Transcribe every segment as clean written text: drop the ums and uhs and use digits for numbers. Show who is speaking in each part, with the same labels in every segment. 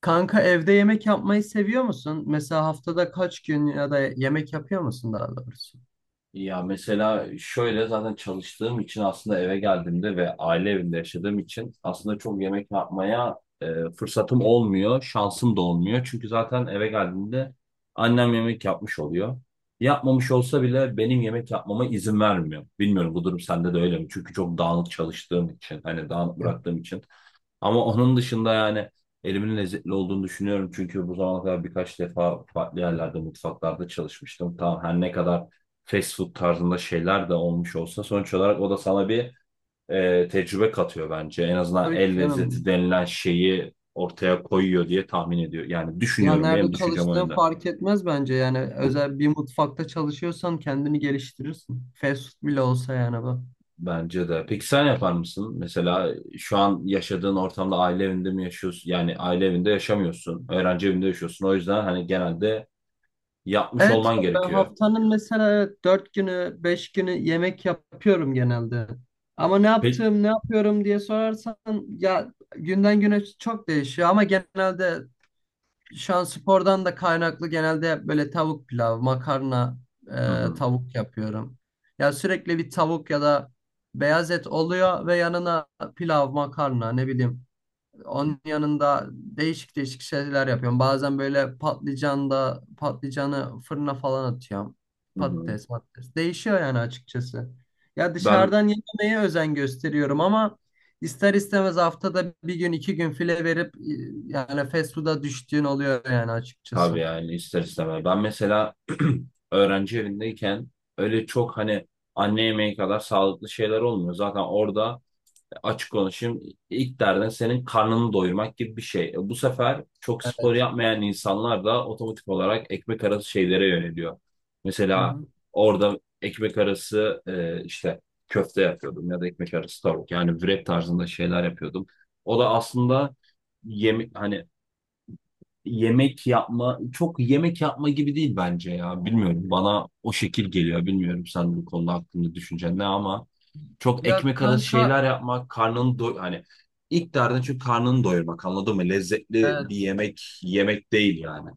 Speaker 1: Kanka, evde yemek yapmayı seviyor musun? Mesela haftada kaç gün ya da yemek yapıyor musun daha doğrusu?
Speaker 2: Ya mesela şöyle zaten çalıştığım için aslında eve geldiğimde ve aile evinde yaşadığım için aslında çok yemek yapmaya fırsatım olmuyor, şansım da olmuyor. Çünkü zaten eve geldiğimde annem yemek yapmış oluyor. Yapmamış olsa bile benim yemek yapmama izin vermiyor. Bilmiyorum bu durum sende de öyle mi? Çünkü çok dağınık çalıştığım için, hani dağınık bıraktığım için. Ama onun dışında yani elimin lezzetli olduğunu düşünüyorum. Çünkü bu zamana kadar birkaç defa farklı yerlerde, mutfaklarda çalışmıştım. Tamam her ne kadar fast food tarzında şeyler de olmuş olsa sonuç olarak o da sana bir tecrübe katıyor bence. En azından
Speaker 1: Tabii ki
Speaker 2: el
Speaker 1: canım.
Speaker 2: lezzeti denilen şeyi ortaya koyuyor diye tahmin ediyor. Yani
Speaker 1: Ya
Speaker 2: düşünüyorum.
Speaker 1: nerede
Speaker 2: Benim düşüncem o
Speaker 1: çalıştığın
Speaker 2: yönde.
Speaker 1: fark etmez bence. Yani özel bir mutfakta çalışıyorsan kendini geliştirirsin. Fast food bile olsa yani bu.
Speaker 2: Bence de. Peki sen yapar mısın? Mesela şu an yaşadığın ortamda aile evinde mi yaşıyorsun? Yani aile evinde yaşamıyorsun. Öğrenci evinde yaşıyorsun. O yüzden hani genelde yapmış
Speaker 1: Evet
Speaker 2: olman
Speaker 1: ben
Speaker 2: gerekiyor.
Speaker 1: haftanın mesela evet, dört günü beş günü yemek yapıyorum genelde. Ama ne
Speaker 2: Peki.
Speaker 1: yaptığım ne yapıyorum diye sorarsan ya günden güne çok değişiyor ama genelde şu an spordan da kaynaklı genelde böyle tavuk pilav, makarna,
Speaker 2: Hı hı,
Speaker 1: tavuk yapıyorum. Ya sürekli bir tavuk ya da beyaz et oluyor ve yanına pilav, makarna, ne bileyim, onun yanında değişik değişik şeyler yapıyorum. Bazen böyle patlıcanı fırına falan atıyorum.
Speaker 2: hı hı.
Speaker 1: Patates, patates. Değişiyor yani açıkçası. Ya
Speaker 2: Ben
Speaker 1: dışarıdan yememeye özen gösteriyorum ama ister istemez haftada bir gün iki gün file verip yani fast food'a düştüğün oluyor yani
Speaker 2: tabii
Speaker 1: açıkçası.
Speaker 2: yani ister istemez. Ben mesela öğrenci evindeyken öyle çok hani anne yemeği kadar sağlıklı şeyler olmuyor. Zaten orada açık konuşayım. İlk derdin senin karnını doyurmak gibi bir şey. Bu sefer çok spor
Speaker 1: Evet.
Speaker 2: yapmayan insanlar da otomatik olarak ekmek arası şeylere yöneliyor.
Speaker 1: Hı
Speaker 2: Mesela
Speaker 1: hı.
Speaker 2: orada ekmek arası işte köfte yapıyordum ya da ekmek arası tavuk. Yani wrap tarzında şeyler yapıyordum. O da aslında yemek hani yemek yapma çok yemek yapma gibi değil bence ya. Bilmiyorum bana o şekil geliyor. Bilmiyorum sen bu konuda hakkında düşüncen ne ama çok
Speaker 1: Ya
Speaker 2: ekmek arası
Speaker 1: kanka,
Speaker 2: şeyler yapmak, karnını hani ilk derdin çünkü karnını doyurmak anladın mı? Lezzetli
Speaker 1: evet.
Speaker 2: bir yemek yemek değil yani.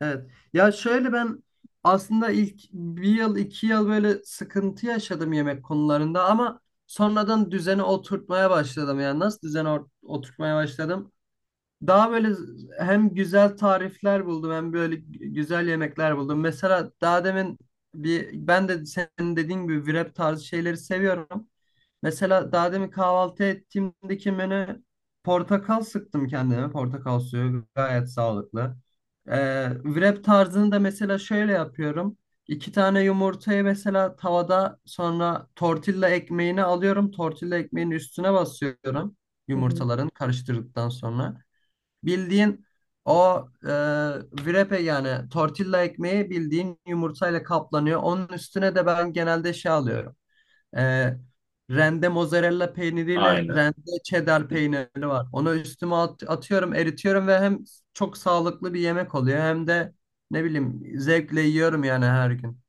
Speaker 1: Evet. Ya şöyle, ben aslında ilk bir yıl iki yıl böyle sıkıntı yaşadım yemek konularında ama sonradan düzeni oturtmaya başladım. Yani nasıl düzeni oturtmaya başladım? Daha böyle hem güzel tarifler buldum hem böyle güzel yemekler buldum. Mesela daha demin bir ben de senin dediğin gibi wrap tarzı şeyleri seviyorum. Mesela daha demin kahvaltı ettiğimdeki menü: portakal sıktım kendime. Portakal suyu gayet sağlıklı. Wrap tarzını da mesela şöyle yapıyorum. İki tane yumurtayı mesela tavada, sonra tortilla ekmeğini alıyorum. Tortilla ekmeğinin üstüne basıyorum
Speaker 2: Hı hı.
Speaker 1: yumurtaların karıştırdıktan sonra. Bildiğin o wrap'e, yani tortilla ekmeği bildiğin yumurtayla kaplanıyor. Onun üstüne de ben genelde şey alıyorum. E, Rende mozzarella peyniriyle
Speaker 2: Aynen.
Speaker 1: rende cheddar peyniri var. Onu üstüme atıyorum, eritiyorum ve hem çok sağlıklı bir yemek oluyor hem de ne bileyim zevkle yiyorum yani her gün.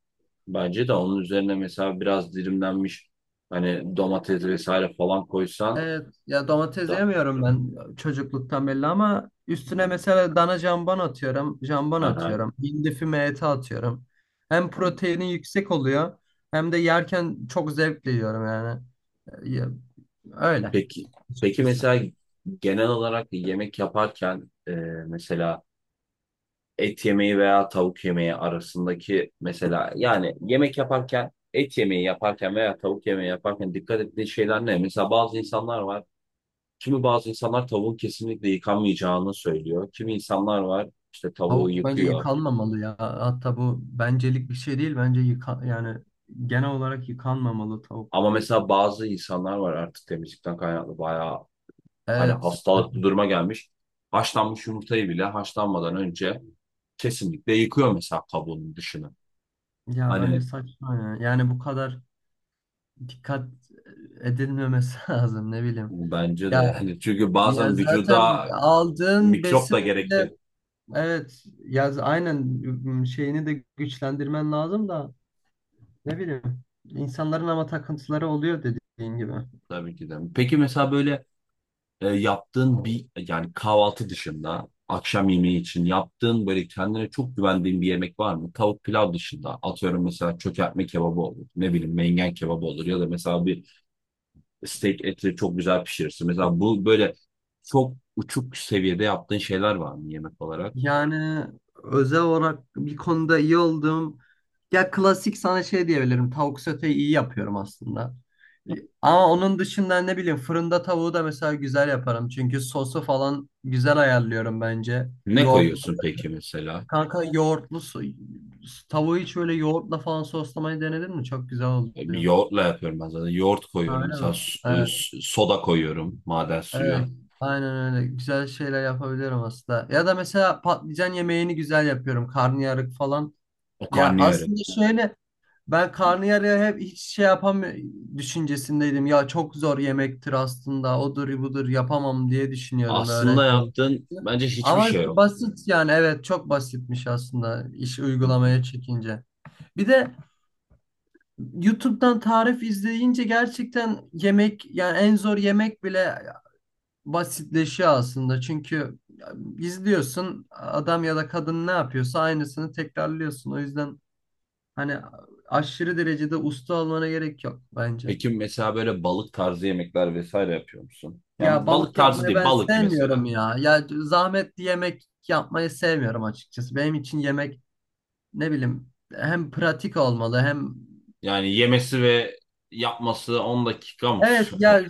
Speaker 2: Bence de onun üzerine mesela biraz dilimlenmiş hani domates vesaire falan koysan
Speaker 1: Evet, ya domates
Speaker 2: da.
Speaker 1: yemiyorum ben, çocukluktan belli, ama üstüne mesela dana jambon atıyorum, jambon
Speaker 2: Ha hı.
Speaker 1: atıyorum, hindi füme eti atıyorum. Hem proteini yüksek oluyor hem de yerken çok zevkle yiyorum yani. E, Ya, öyle
Speaker 2: Peki. Peki
Speaker 1: açıkçası.
Speaker 2: mesela genel olarak yemek yaparken mesela et yemeği veya tavuk yemeği arasındaki mesela yani yemek yaparken et yemeği yaparken veya tavuk yemeği yaparken dikkat ettiği şeyler ne? Mesela bazı insanlar var. Kimi bazı insanlar tavuğun kesinlikle yıkanmayacağını söylüyor. Kimi insanlar var işte tavuğu
Speaker 1: Tavuk bence
Speaker 2: yıkıyor.
Speaker 1: yıkanmamalı ya. Hatta bu bencelik bir şey değil. Bence yıka yani genel olarak yıkanmamalı tavuk.
Speaker 2: Ama mesela bazı insanlar var artık temizlikten kaynaklı bayağı hani
Speaker 1: Evet.
Speaker 2: hastalıklı duruma gelmiş. Haşlanmış yumurtayı bile haşlanmadan önce kesinlikle yıkıyor mesela kabuğunun dışını.
Speaker 1: Ya bence
Speaker 2: Hani
Speaker 1: saçma ya. Yani bu kadar dikkat edilmemesi lazım ne bileyim.
Speaker 2: bence de
Speaker 1: Ya
Speaker 2: yani çünkü
Speaker 1: Ya
Speaker 2: bazen
Speaker 1: zaten
Speaker 2: vücuda
Speaker 1: aldığın
Speaker 2: mikrop
Speaker 1: besin
Speaker 2: da
Speaker 1: bile,
Speaker 2: gerekir
Speaker 1: evet ya aynen, şeyini de güçlendirmen lazım da ne bileyim, insanların ama takıntıları oluyor dediğin gibi.
Speaker 2: tabii ki de. Peki mesela böyle yaptığın bir yani kahvaltı dışında akşam yemeği için yaptığın böyle kendine çok güvendiğin bir yemek var mı? Tavuk pilav dışında atıyorum mesela çökertme kebabı olur. Ne bileyim mengen kebabı olur ya da mesela bir steak eti çok güzel pişirirsin. Mesela bu böyle çok uçuk seviyede yaptığın şeyler var mı yemek olarak?
Speaker 1: Yani özel olarak bir konuda iyi olduğum, ya klasik, sana şey diyebilirim: tavuk soteyi iyi yapıyorum aslında. Ama onun dışında ne bileyim fırında tavuğu da mesela güzel yaparım. Çünkü sosu falan güzel ayarlıyorum bence.
Speaker 2: Ne
Speaker 1: Yoğurt.
Speaker 2: koyuyorsun peki mesela?
Speaker 1: Kanka yoğurtlu su, tavuğu hiç böyle yoğurtla falan soslamayı denedin mi? Çok güzel
Speaker 2: Bir
Speaker 1: oluyor.
Speaker 2: yoğurtla yapıyorum ben zaten. Yoğurt
Speaker 1: Ha,
Speaker 2: koyuyorum
Speaker 1: öyle
Speaker 2: mesela
Speaker 1: mi? Evet,
Speaker 2: soda koyuyorum maden
Speaker 1: evet.
Speaker 2: suyu.
Speaker 1: Aynen öyle. Güzel şeyler yapabiliyorum aslında. Ya da mesela patlıcan yemeğini güzel yapıyorum. Karnıyarık falan.
Speaker 2: O
Speaker 1: Ya aslında şöyle, ben karnıyarığı hep hiç şey yapam düşüncesindeydim. Ya çok zor yemektir aslında. Odur budur yapamam diye düşünüyordum
Speaker 2: aslında
Speaker 1: öğrenci olarak.
Speaker 2: yaptığın bence hiçbir
Speaker 1: Ama
Speaker 2: şey yok.
Speaker 1: basit yani, evet çok basitmiş aslında iş
Speaker 2: Hı hı.
Speaker 1: uygulamaya çekince. Bir de YouTube'dan tarif izleyince gerçekten yemek, yani en zor yemek bile basitleşiyor aslında. Çünkü izliyorsun adam ya da kadın ne yapıyorsa aynısını tekrarlıyorsun. O yüzden hani aşırı derecede usta olmana gerek yok bence.
Speaker 2: Peki mesela böyle balık tarzı yemekler vesaire yapıyor musun?
Speaker 1: Ya
Speaker 2: Yani balık
Speaker 1: balık
Speaker 2: tarzı
Speaker 1: yapmayı
Speaker 2: değil,
Speaker 1: ben
Speaker 2: balık mesela.
Speaker 1: sevmiyorum ya. Ya zahmetli yemek yapmayı sevmiyorum açıkçası. Benim için yemek ne bileyim hem pratik olmalı hem
Speaker 2: Yani yemesi ve yapması 10 dakika mı
Speaker 1: evet ya
Speaker 2: sürüyor?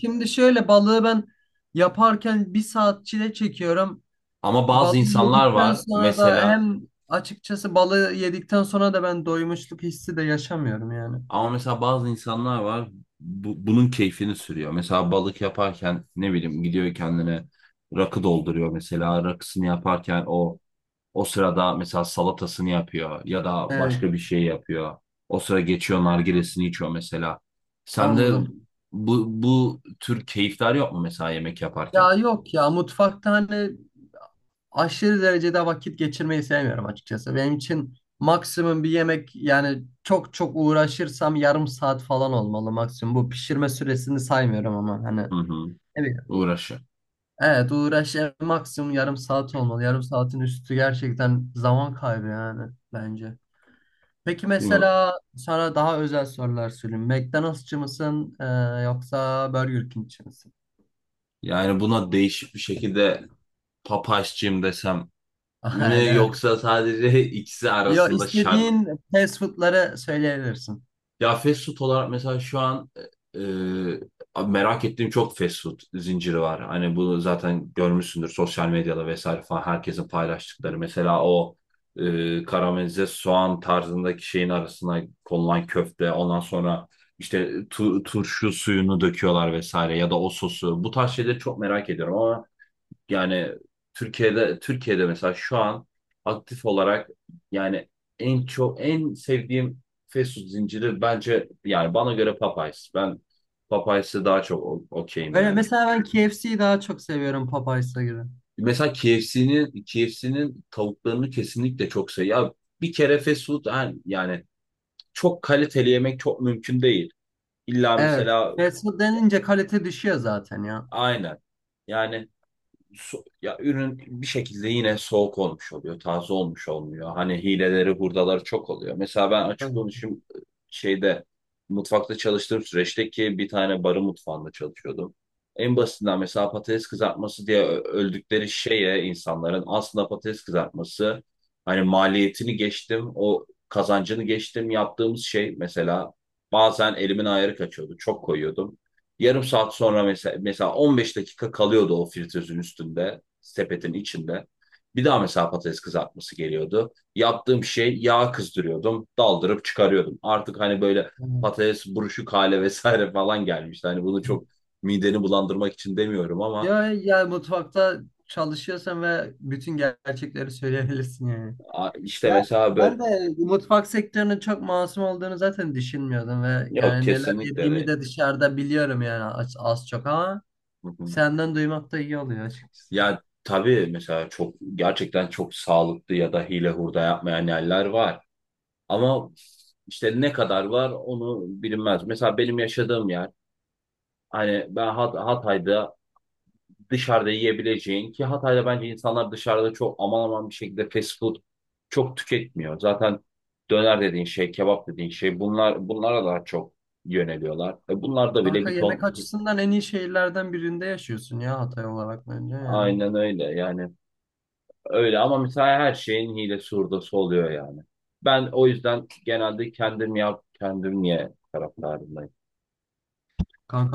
Speaker 1: şimdi şöyle, balığı ben yaparken bir saat çile çekiyorum.
Speaker 2: Ama bazı
Speaker 1: Balığı
Speaker 2: insanlar
Speaker 1: yedikten
Speaker 2: var
Speaker 1: sonra da
Speaker 2: mesela
Speaker 1: hem açıkçası balığı yedikten sonra da ben doymuşluk hissi de yaşamıyorum yani.
Speaker 2: ama mesela bazı insanlar var bunun keyfini sürüyor. Mesela balık yaparken ne bileyim gidiyor kendine rakı dolduruyor mesela rakısını yaparken O sırada mesela salatasını yapıyor ya da
Speaker 1: Evet,
Speaker 2: başka bir şey yapıyor. O sıra geçiyor nargilesini içiyor mesela. Sende
Speaker 1: anladım.
Speaker 2: bu tür keyifler yok mu mesela yemek yaparken?
Speaker 1: Ya yok ya, mutfakta hani aşırı derecede vakit geçirmeyi sevmiyorum açıkçası. Benim için maksimum bir yemek, yani çok çok uğraşırsam yarım saat falan olmalı maksimum. Bu pişirme süresini saymıyorum ama hani.
Speaker 2: Hı hı.
Speaker 1: Evet.
Speaker 2: Uğraşı.
Speaker 1: Evet uğraş en maksimum yarım saat olmalı. Yarım saatin üstü gerçekten zaman kaybı yani bence. Peki
Speaker 2: Bilmiyorum.
Speaker 1: mesela sana daha özel sorular sorayım. McDonald'sçı mısın yoksa Burger King'çi misin?
Speaker 2: Yani buna değişik bir şekilde papaşçıyım desem mi
Speaker 1: Öyle mi?
Speaker 2: yoksa sadece ikisi
Speaker 1: Yo,
Speaker 2: arasında şar.
Speaker 1: istediğin fast food'ları söyleyebilirsin.
Speaker 2: Ya fast food olarak mesela şu an e, merak ettiğim çok fast food zinciri var. Hani bunu zaten görmüşsündür sosyal medyada vesaire falan herkesin paylaştıkları. Mesela o karamelize soğan tarzındaki şeyin arasına konulan köfte. Ondan sonra işte turşu suyunu döküyorlar vesaire ya da o sosu. Bu tarz şeyleri çok merak ediyorum ama yani Türkiye'de mesela şu an aktif olarak yani en çok en sevdiğim fast food zinciri bence yani bana göre Popeyes. Ben Popeyes'e daha çok okeyim
Speaker 1: Öyle
Speaker 2: yani.
Speaker 1: mesela ben KFC'yi daha çok seviyorum Popeyes'a göre.
Speaker 2: Mesela KFC'nin tavuklarını kesinlikle çok seviyorum. Ya bir kere fast food yani çok kaliteli yemek çok mümkün değil. İlla
Speaker 1: Evet.
Speaker 2: mesela
Speaker 1: Fast food denince kalite düşüyor zaten ya.
Speaker 2: aynen. Yani ya ürün bir şekilde yine soğuk olmuş oluyor, taze olmuş olmuyor. Hani hileleri, hurdaları çok oluyor. Mesela ben açık
Speaker 1: Tabii.
Speaker 2: konuşayım şeyde mutfakta çalıştığım süreçte ki bir tane barın mutfağında çalışıyordum. En basitinden mesela patates kızartması diye öldükleri şeye insanların aslında patates kızartması hani maliyetini geçtim, o kazancını geçtim yaptığımız şey mesela bazen elimin ayarı kaçıyordu. Çok koyuyordum. Yarım saat sonra mesela 15 dakika kalıyordu o fritözün üstünde, sepetin içinde. Bir daha mesela patates kızartması geliyordu. Yaptığım şey yağ kızdırıyordum, daldırıp çıkarıyordum. Artık hani böyle
Speaker 1: Evet.
Speaker 2: patates buruşuk hale vesaire falan gelmişti. Hani bunu çok mideni bulandırmak için demiyorum ama
Speaker 1: Ya ya mutfakta çalışıyorsan ve bütün gerçekleri söyleyebilirsin yani.
Speaker 2: işte
Speaker 1: Ya
Speaker 2: mesela böyle
Speaker 1: ben de mutfak sektörünün çok masum olduğunu zaten düşünmüyordum ve
Speaker 2: yok
Speaker 1: yani neler
Speaker 2: kesinlikle
Speaker 1: yediğimi
Speaker 2: değil.
Speaker 1: de dışarıda biliyorum yani az, az çok ama
Speaker 2: Hı hı.
Speaker 1: senden duymak da iyi oluyor açıkçası.
Speaker 2: Ya tabii mesela çok gerçekten çok sağlıklı ya da hile hurda yapmayan yerler var. Ama işte ne kadar var onu bilinmez. Mesela benim yaşadığım yer hani ben Hatay'da dışarıda yiyebileceğin ki Hatay'da bence insanlar dışarıda çok aman aman bir şekilde fast food çok tüketmiyor. Zaten döner dediğin şey, kebap dediğin şey bunlar bunlara daha çok yöneliyorlar. Bunlar da bile
Speaker 1: Kanka
Speaker 2: bir ton
Speaker 1: yemek açısından en iyi şehirlerden birinde yaşıyorsun ya, Hatay olarak bence yani.
Speaker 2: aynen öyle yani öyle ama mesela her şeyin hilesi hurdası oluyor yani. Ben o yüzden genelde kendim yap, kendim ye taraftarındayım.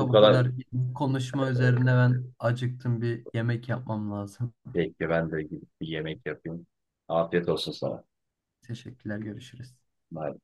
Speaker 2: Bu
Speaker 1: bu
Speaker 2: kadar.
Speaker 1: kadar konuşma üzerine ben acıktım, bir yemek yapmam lazım.
Speaker 2: Peki ben de gidip bir yemek yapayım. Afiyet olsun sana.
Speaker 1: Teşekkürler, görüşürüz.
Speaker 2: Bye.